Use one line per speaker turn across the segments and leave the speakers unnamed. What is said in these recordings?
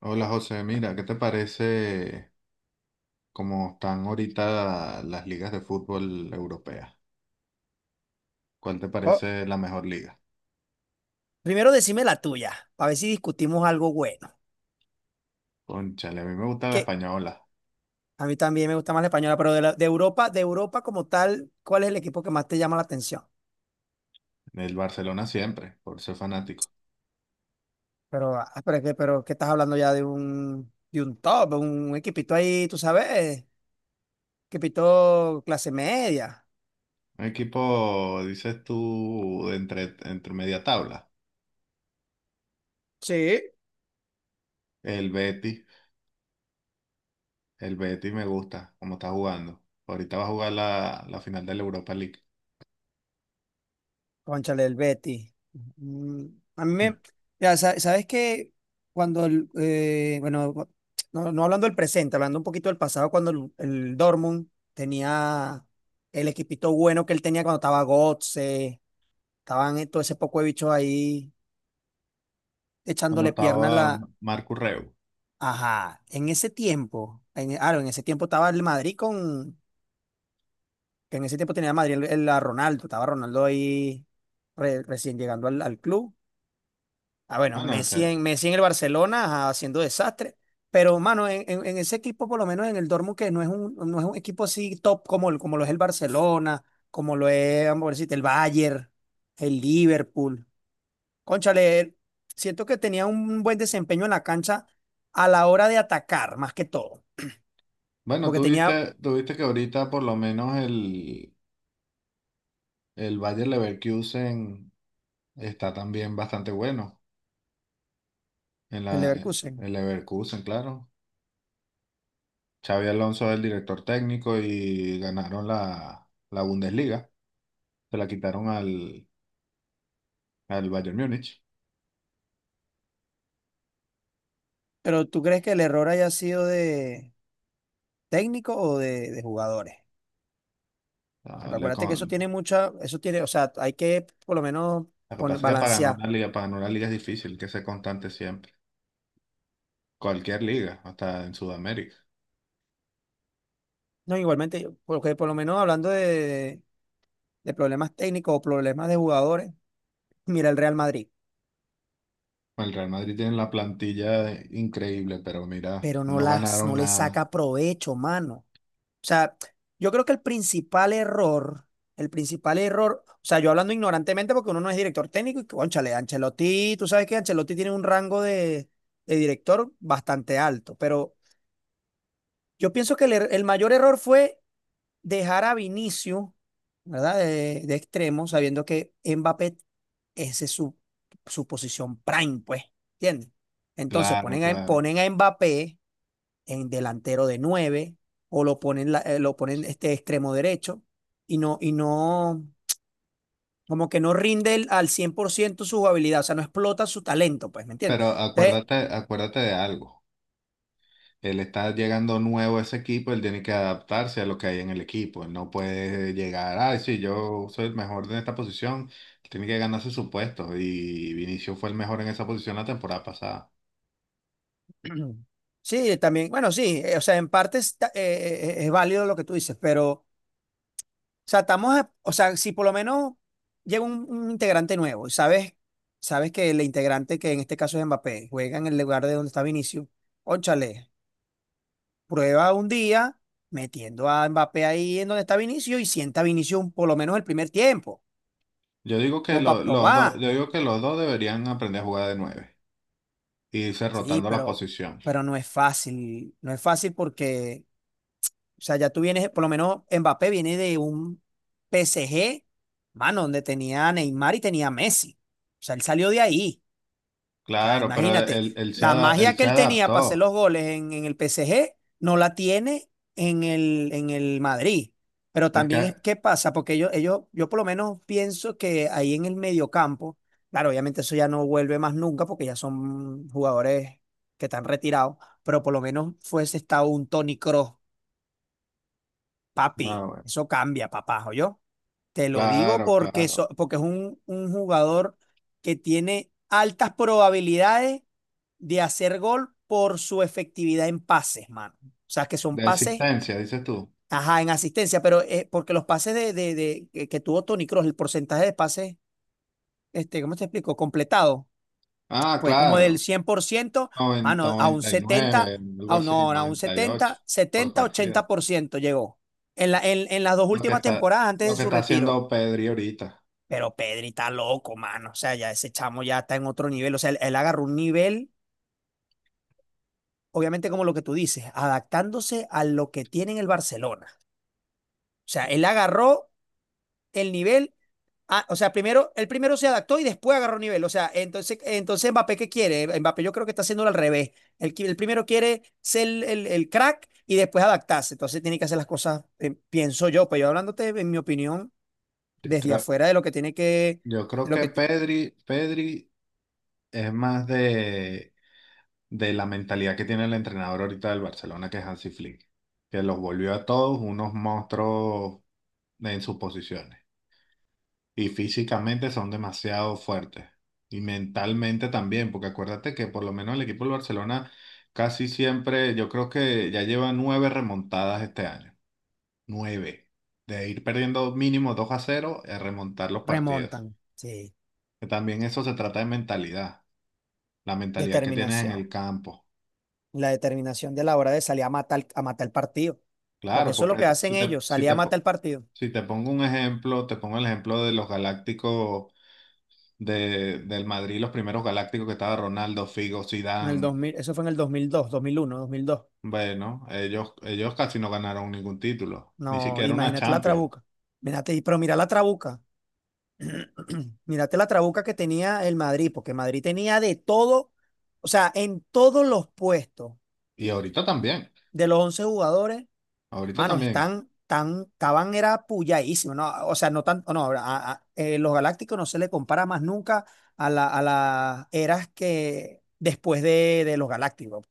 Hola José, mira, ¿qué te parece cómo están ahorita las ligas de fútbol europeas? ¿Cuál te
Co-
parece la mejor liga?
Primero decime la tuya, para ver si discutimos algo bueno.
Cónchale, a mí me gusta la
Que
española,
a mí también me gusta más la española, pero de Europa como tal, ¿cuál es el equipo que más te llama la atención?
el Barcelona siempre, por ser fanático.
Pero ¿qué estás hablando ya de de un top, un equipito ahí, tú sabes, equipito clase media.
Un equipo, dices tú, de entre media tabla.
Sí.
El Betis, el Betis me gusta, cómo está jugando. Ahorita va a jugar la final de la Europa League.
Cónchale, el Betty. Mm. A mí me,
Ya.
ya, sabes que cuando, el, bueno, cu- no, no hablando del presente, hablando un poquito del pasado, cuando el Dortmund tenía el equipito bueno que él tenía cuando estaba Götze, estaban todo ese poco de bichos ahí
Cuando
echándole pierna a
estaba
la...
Marcus Reu.
Ajá, en ese tiempo, en ese tiempo estaba el Madrid con, que en ese tiempo tenía Madrid a Ronaldo, estaba Ronaldo ahí recién llegando al al club. Ah, bueno,
Ah, no, que-
Messi en el Barcelona, ajá, haciendo desastre. Pero, mano, en ese equipo, por lo menos en el Dortmund, que no es no es un equipo así top como, como lo es el Barcelona, como lo es, vamos a decirte, el Bayern, el Liverpool. Cónchale, siento que tenía un buen desempeño en la cancha a la hora de atacar, más que todo,
Bueno,
porque tenía
tuviste que ahorita por lo menos el El Bayer Leverkusen está también bastante bueno en
el
la,
Leverkusen.
el Leverkusen, claro. Xavi Alonso es el director técnico y ganaron la Bundesliga. Se la quitaron al Bayern Múnich.
Pero, ¿tú crees que el error haya sido de técnico o de jugadores?
Ah,
Porque
le
acuérdate que eso
con-
tiene mucha, eso tiene, o sea, hay que por lo menos
lo que pasa es que para ganar
balancear.
una liga, para ganar una liga es difícil, hay que ser constante siempre. Cualquier liga, hasta en Sudamérica.
No, igualmente, porque por lo menos hablando de problemas técnicos o problemas de jugadores, mira el Real Madrid,
El Real Madrid tiene la plantilla increíble, pero mira,
pero no
no
las,
ganaron
no le
nada.
saca provecho, mano. O sea, yo creo que el principal error, o sea, yo hablando ignorantemente porque uno no es director técnico y, cónchale, Ancelotti, tú sabes que Ancelotti tiene un rango de director bastante alto, pero yo pienso que el mayor error fue dejar a Vinicius, ¿verdad? De extremo, sabiendo que Mbappé esa es su, su posición prime, pues, ¿entiendes? Entonces
Claro, claro.
ponen a Mbappé en delantero de 9 o lo ponen, lo ponen este extremo derecho y y no, como que no rinde al 100% su habilidad, o sea, no explota su talento, pues, ¿me entiendes?
Pero
Entonces,
acuérdate, acuérdate de algo. Él está llegando nuevo a ese equipo, él tiene que adaptarse a lo que hay en el equipo. Él no puede llegar, ay, sí, yo soy el mejor en esta posición. Él tiene que ganarse su puesto. Y Vinicius fue el mejor en esa posición la temporada pasada.
sí, también, bueno, sí, o sea, en parte es válido lo que tú dices, pero o sea, estamos, o sea, si por lo menos llega un integrante nuevo y sabes, sabes que el integrante, que en este caso es Mbappé, juega en el lugar de donde está Vinicius, óchale, prueba un día metiendo a Mbappé ahí en donde está Vinicius y sienta a Vinicius por lo menos el primer tiempo,
Yo digo que
como para
lo- los dos, yo
probar.
digo que los dos deberían aprender a jugar de nueve y irse
Sí,
rotando la posición.
pero no es fácil, no es fácil porque, o sea, ya tú vienes, por lo menos Mbappé viene de un PSG, mano, donde tenía a Neymar y tenía a Messi. O sea, él salió de ahí. O sea,
Claro, pero
imagínate, la magia
él
que
se
él tenía para hacer los
adaptó.
goles en el P S G no la tiene en el Madrid. Pero
Es que,
también, ¿qué pasa? Porque yo por lo menos pienso que ahí en el mediocampo, claro, obviamente eso ya no vuelve más nunca porque ya son jugadores que están retirados, pero por lo menos fuese estado un Toni Kroos, papi,
bueno,
eso cambia, papá, yo te lo digo
claro,
porque,
claro.
porque es un jugador que tiene altas probabilidades de hacer gol por su efectividad en pases, mano. O sea, que son
De
pases,
existencia, dices tú.
ajá, en asistencia, pero porque los pases que tuvo Toni Kroos, el porcentaje de pases, este, ¿cómo te explico? Completado,
Ah,
fue como del
claro.
cien por ciento,
noventa
mano, a un
noventa y
setenta,
nueve algo
a un,
así,
no, a un
98
setenta,
por
setenta, ochenta
partida.
por ciento llegó. En las dos
Lo que
últimas
está,
temporadas antes
lo
de
que
su
está
retiro.
haciendo Pedri ahorita.
Pero Pedri está loco, mano. O sea, ya ese chamo ya está en otro nivel. O sea, él agarró un nivel, obviamente como lo que tú dices, adaptándose a lo que tiene en el Barcelona. O sea, él agarró el nivel. Ah, o sea, primero, él primero se adaptó y después agarró nivel. O sea, entonces Mbappé, ¿qué quiere? Mbappé yo creo que está haciéndolo al revés. Él primero quiere ser el crack y después adaptarse. Entonces tiene que hacer las cosas, pienso yo, pues yo hablándote, en mi opinión,
Yo
desde
creo,
afuera de lo que tiene que,
yo creo
de lo
que Pedri, Pedri es más de, la mentalidad que tiene el entrenador ahorita del Barcelona, que es Hansi Flick, que los volvió a todos unos monstruos en sus posiciones. Y físicamente son demasiado fuertes. Y mentalmente también, porque acuérdate que por lo menos el equipo del Barcelona casi siempre, yo creo que ya lleva nueve remontadas este año. Nueve. De ir perdiendo mínimo 2-0 a remontar los partidos.
remontan. Sí.
Que también eso se trata de mentalidad. La mentalidad que tienes en
Determinación.
el campo.
La determinación de la hora de salir a matar el partido. Porque
Claro,
eso es lo
porque
que
te-
hacen
si te,
ellos,
si
salir a
te, po-
matar el partido.
si te pongo un ejemplo, te pongo el ejemplo de los Galácticos del Madrid, los primeros Galácticos que estaba Ronaldo, Figo,
En el dos
Zidane.
mil, eso fue en el dos mil dos, dos mil mil uno, dos mil dos.
Bueno, ellos casi no ganaron ningún título, ni
No,
siquiera una
imagínate la
Champions.
trabuca. Mírate, pero mira la trabuca. Mírate la trabuca que tenía el Madrid, porque Madrid tenía de todo, o sea, en todos los puestos
Y ahorita también,
de los 11 jugadores.
ahorita
Manos,
también.
estaban, era puyadísimo, ¿no? O sea, no tanto, no, los galácticos no se le compara más nunca a la, a las eras que después de los galácticos.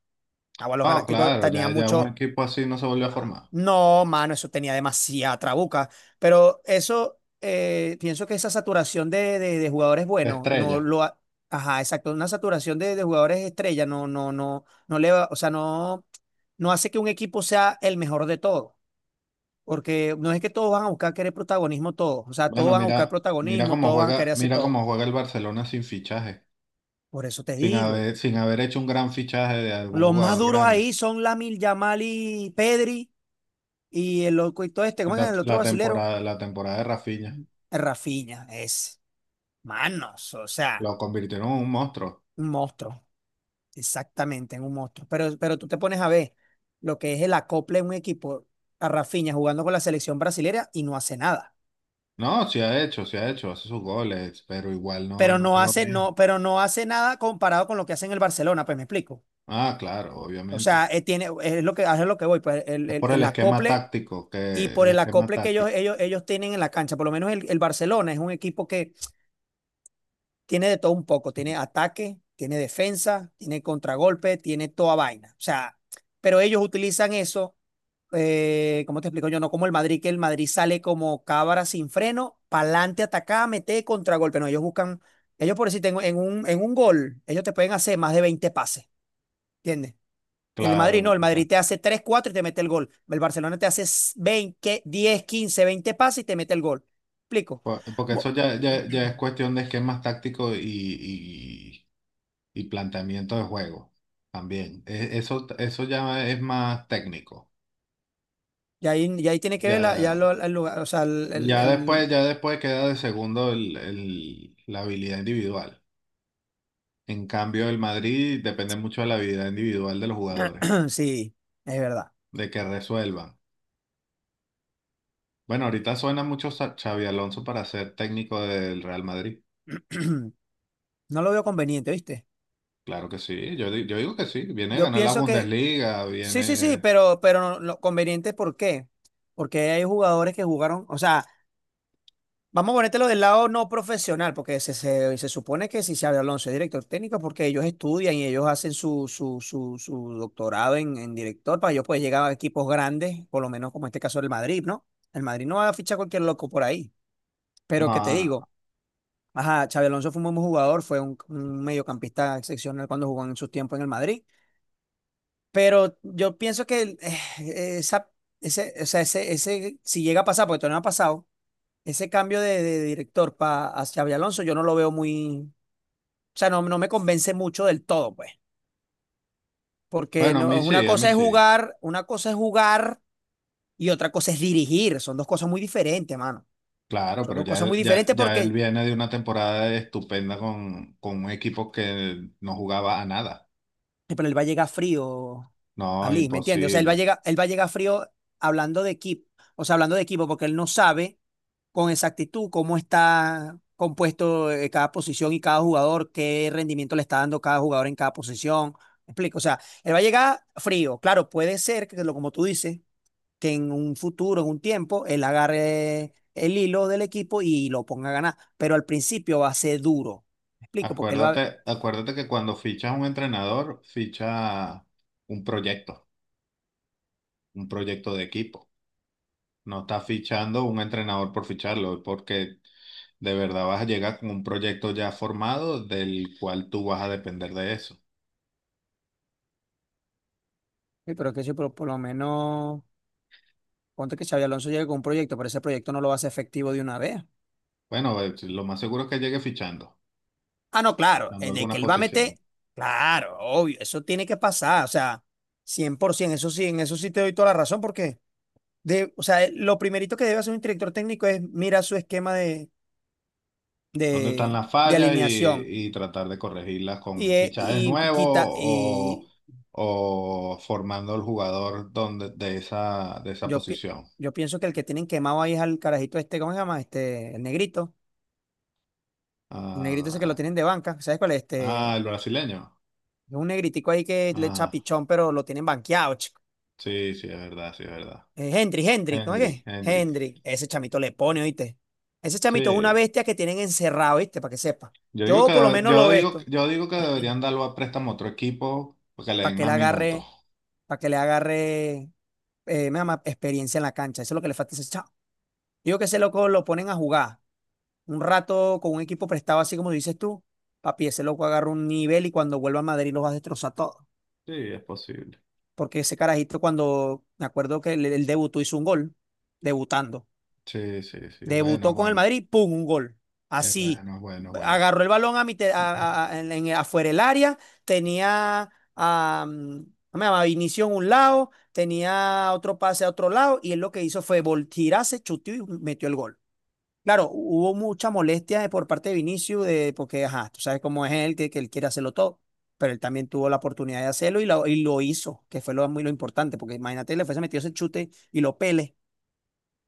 Ah, bueno, los
Ah,
galácticos
claro, ya,
tenían
ya un
mucho,
equipo así no se volvió a formar.
no, mano, eso tenía demasiada trabuca, pero eso, pienso que esa saturación de jugadores
La
buenos, no
estrella.
lo, ha- ajá, exacto, una saturación de jugadores estrella, no le va, o sea, no, no hace que un equipo sea el mejor de todos. Porque no es que todos van a buscar querer protagonismo, todos. O sea, todos
Bueno,
van a buscar
mira,
protagonismo, todos van a querer hacer
mira
todo.
cómo juega el Barcelona sin fichaje,
Por eso te
sin
digo.
haber, sin haber hecho un gran fichaje de algún
Los más
jugador
duros
grande.
ahí son Lamil Yamal y Pedri. Y el loco y todo este,
Y
¿cómo es
la,
el otro
la
brasilero?
temporada, la temporada de Rafinha
Rafinha, es. Manos, o sea,
lo convirtieron en un monstruo.
un monstruo. Exactamente, en un monstruo. Pero tú te pones a ver lo que es el acople de un equipo a Rafinha jugando con la selección brasilera y no hace nada.
No, sí ha hecho, hace sus goles, pero igual no,
Pero no
es lo
hace,
mismo.
no, pero no hace nada comparado con lo que hace en el Barcelona, pues me explico.
Ah, claro,
O
obviamente.
sea, es lo que voy, pues
Es por el
el
esquema
acople
táctico,
y
que el
por el
esquema
acople que
táctico,
ellos tienen en la cancha, por lo menos el Barcelona es un equipo que tiene de todo un poco, tiene ataque, tiene defensa, tiene contragolpe, tiene toda vaina. O sea, pero ellos utilizan eso, ¿cómo te explico yo? No como el Madrid, que el Madrid sale como cabra sin freno, pa'lante, atacada, mete contragolpe. No, ellos buscan, ellos por decir, tengo en en un gol, ellos te pueden hacer más de 20 pases, ¿entiendes? El Madrid
claro.
no, el
O sea,
Madrid te hace 3 4 y te mete el gol. El Barcelona te hace 20, 10, 15, 20 pases y te mete el gol. ¿Explico?
porque
Bu-
eso ya, ya, ya es cuestión de esquemas tácticos y, y planteamiento de juego también. Eso, eso ya es más técnico.
Y ahí tiene que ver la,
Ya,
el lugar, o sea,
ya después queda de segundo la habilidad individual. En cambio, el Madrid depende mucho de la habilidad individual de los jugadores,
sí, es verdad.
de que resuelvan. Bueno, ahorita suena mucho Xavi Alonso para ser técnico del Real Madrid.
No lo veo conveniente, ¿viste?
Claro que sí, yo digo que sí, viene a
Yo
ganar la
pienso que
Bundesliga,
sí, sí, sí,
viene...
pero no, conveniente, ¿por qué? Porque hay jugadores que jugaron, o sea, vamos a ponértelo del lado no profesional, porque se supone que si Xabi Alonso es director técnico, porque ellos estudian y ellos hacen su doctorado en director para ellos poder llegar a equipos grandes, por lo menos como en este caso del Madrid, ¿no? El Madrid no va a fichar cualquier loco por ahí. Pero que te
No, no.
digo, ajá, Xabi Alonso fue un buen jugador, fue un mediocampista excepcional cuando jugó en sus tiempos en el Madrid. Pero yo pienso que esa, ese, o sea, ese, si llega a pasar, porque todavía no ha pasado ese cambio de director pa hacia Xabi Alonso, yo no lo veo muy, o sea, no, no me convence mucho del todo, pues, porque
Bueno, a
no,
mí
una
sí, a mí
cosa es
sí.
jugar, una cosa es jugar y otra cosa es dirigir, son dos cosas muy diferentes, mano.
Claro,
Son
pero
dos
ya,
cosas muy diferentes
él
porque
viene de una temporada estupenda con, un equipo que no jugaba a nada.
sí, pero él va a llegar frío,
No,
Ali, ¿me entiendes? O sea, él va a
imposible.
llegar, él va a llegar frío hablando de equipo, o sea, hablando de equipo, porque él no sabe con exactitud cómo está compuesto, cada posición y cada jugador, qué rendimiento le está dando cada jugador en cada posición. ¿Me explico? O sea, él va a llegar frío. Claro, puede ser que, como tú dices, que en un futuro, en un tiempo, él agarre el hilo del equipo y lo ponga a ganar. Pero al principio va a ser duro. ¿Me explico? Porque él
Acuérdate, acuérdate que cuando fichas a un entrenador, ficha un proyecto, un proyecto de equipo. No estás fichando un entrenador por ficharlo, porque de verdad vas a llegar con un proyecto ya formado del cual tú vas a depender de eso.
sí, pero que sí, pero por lo menos. Ponte que Xabi Alonso llegue con un proyecto, pero ese proyecto no lo va a hacer efectivo de una vez.
Bueno, lo más seguro es que llegue fichando,
Ah, no, claro,
fichando
de que
algunas
él va a meter,
posiciones.
claro, obvio, eso tiene que pasar, o sea, 100%, eso sí, en eso sí te doy toda la razón, porque, de, o sea, lo primerito que debe hacer un director técnico es mirar su esquema
¿Dónde están las
de
fallas
alineación
y tratar de corregirlas
y,
con fichajes nuevos o,
y
o formando al jugador donde, de esa
yo,
posición?
yo pienso que el que tienen quemado ahí es al carajito este, ¿cómo se llama? Este, el negrito ese que lo
Ah,
tienen de banca, ¿sabes cuál es?
ah,
Este,
el brasileño.
es un negritico ahí que le echa
Ah,
pichón, pero lo tienen banqueado, chico.
sí, sí, es verdad, sí, es verdad.
Hendrik, ¿no es
Hendrik,
qué?
Hendrik.
Hendrik, ese chamito le pone, ¿oíste? Ese chamito es una
Sí,
bestia que tienen encerrado, ¿viste? Para que sepa.
yo digo
Yo por lo
que,
menos
yo
lo
digo,
esto,
yo digo que deberían darlo a préstamo a otro equipo porque le
para
den
que le
más minutos.
agarre, para que le agarre, me llama, experiencia en la cancha. Eso es lo que le falta a ese chavo. Digo que ese loco lo ponen a jugar un rato con un equipo prestado, así como dices tú. Papi, ese loco agarra un nivel y cuando vuelva a Madrid los va a destrozar todo.
Sí, es posible.
Porque ese carajito, cuando me acuerdo que el debutó hizo un gol, debutando.
Sí, sí, sí, es bueno, es
Debutó con el
bueno.
Madrid, ¡pum! Un gol.
Es
Así.
bueno, es bueno, es bueno.
Agarró el balón a afuera del área. Tenía a, mm, ¿cómo se llama? Vinicius en un lado. Tenía otro pase a otro lado. Y él lo que hizo fue voltirarse, chuteó y metió el gol. Claro, hubo mucha molestia por parte de Vinicius, de, porque, ajá, tú sabes cómo es él, que él quiere hacerlo todo. Pero él también tuvo la oportunidad de hacerlo y y lo hizo, que fue lo, muy lo importante, porque imagínate, le fuese metido ese chute y lo pele.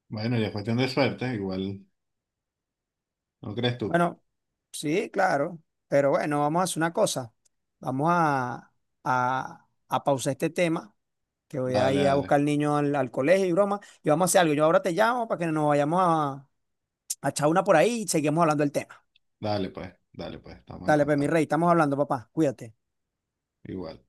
Bueno, y es cuestión de suerte, igual, ¿no crees tú?
Bueno, sí, claro. Pero bueno, vamos a hacer una cosa. Vamos a pausar este tema, que voy a
Dale,
ir a
dale,
buscar al niño al colegio y broma. Y vamos a hacer algo. Yo ahora te llamo para que nos vayamos a echar una por ahí y seguimos hablando del tema.
dale pues, estamos en
Dale, pues mi
contacto.
rey, estamos hablando, papá. Cuídate.
Igual.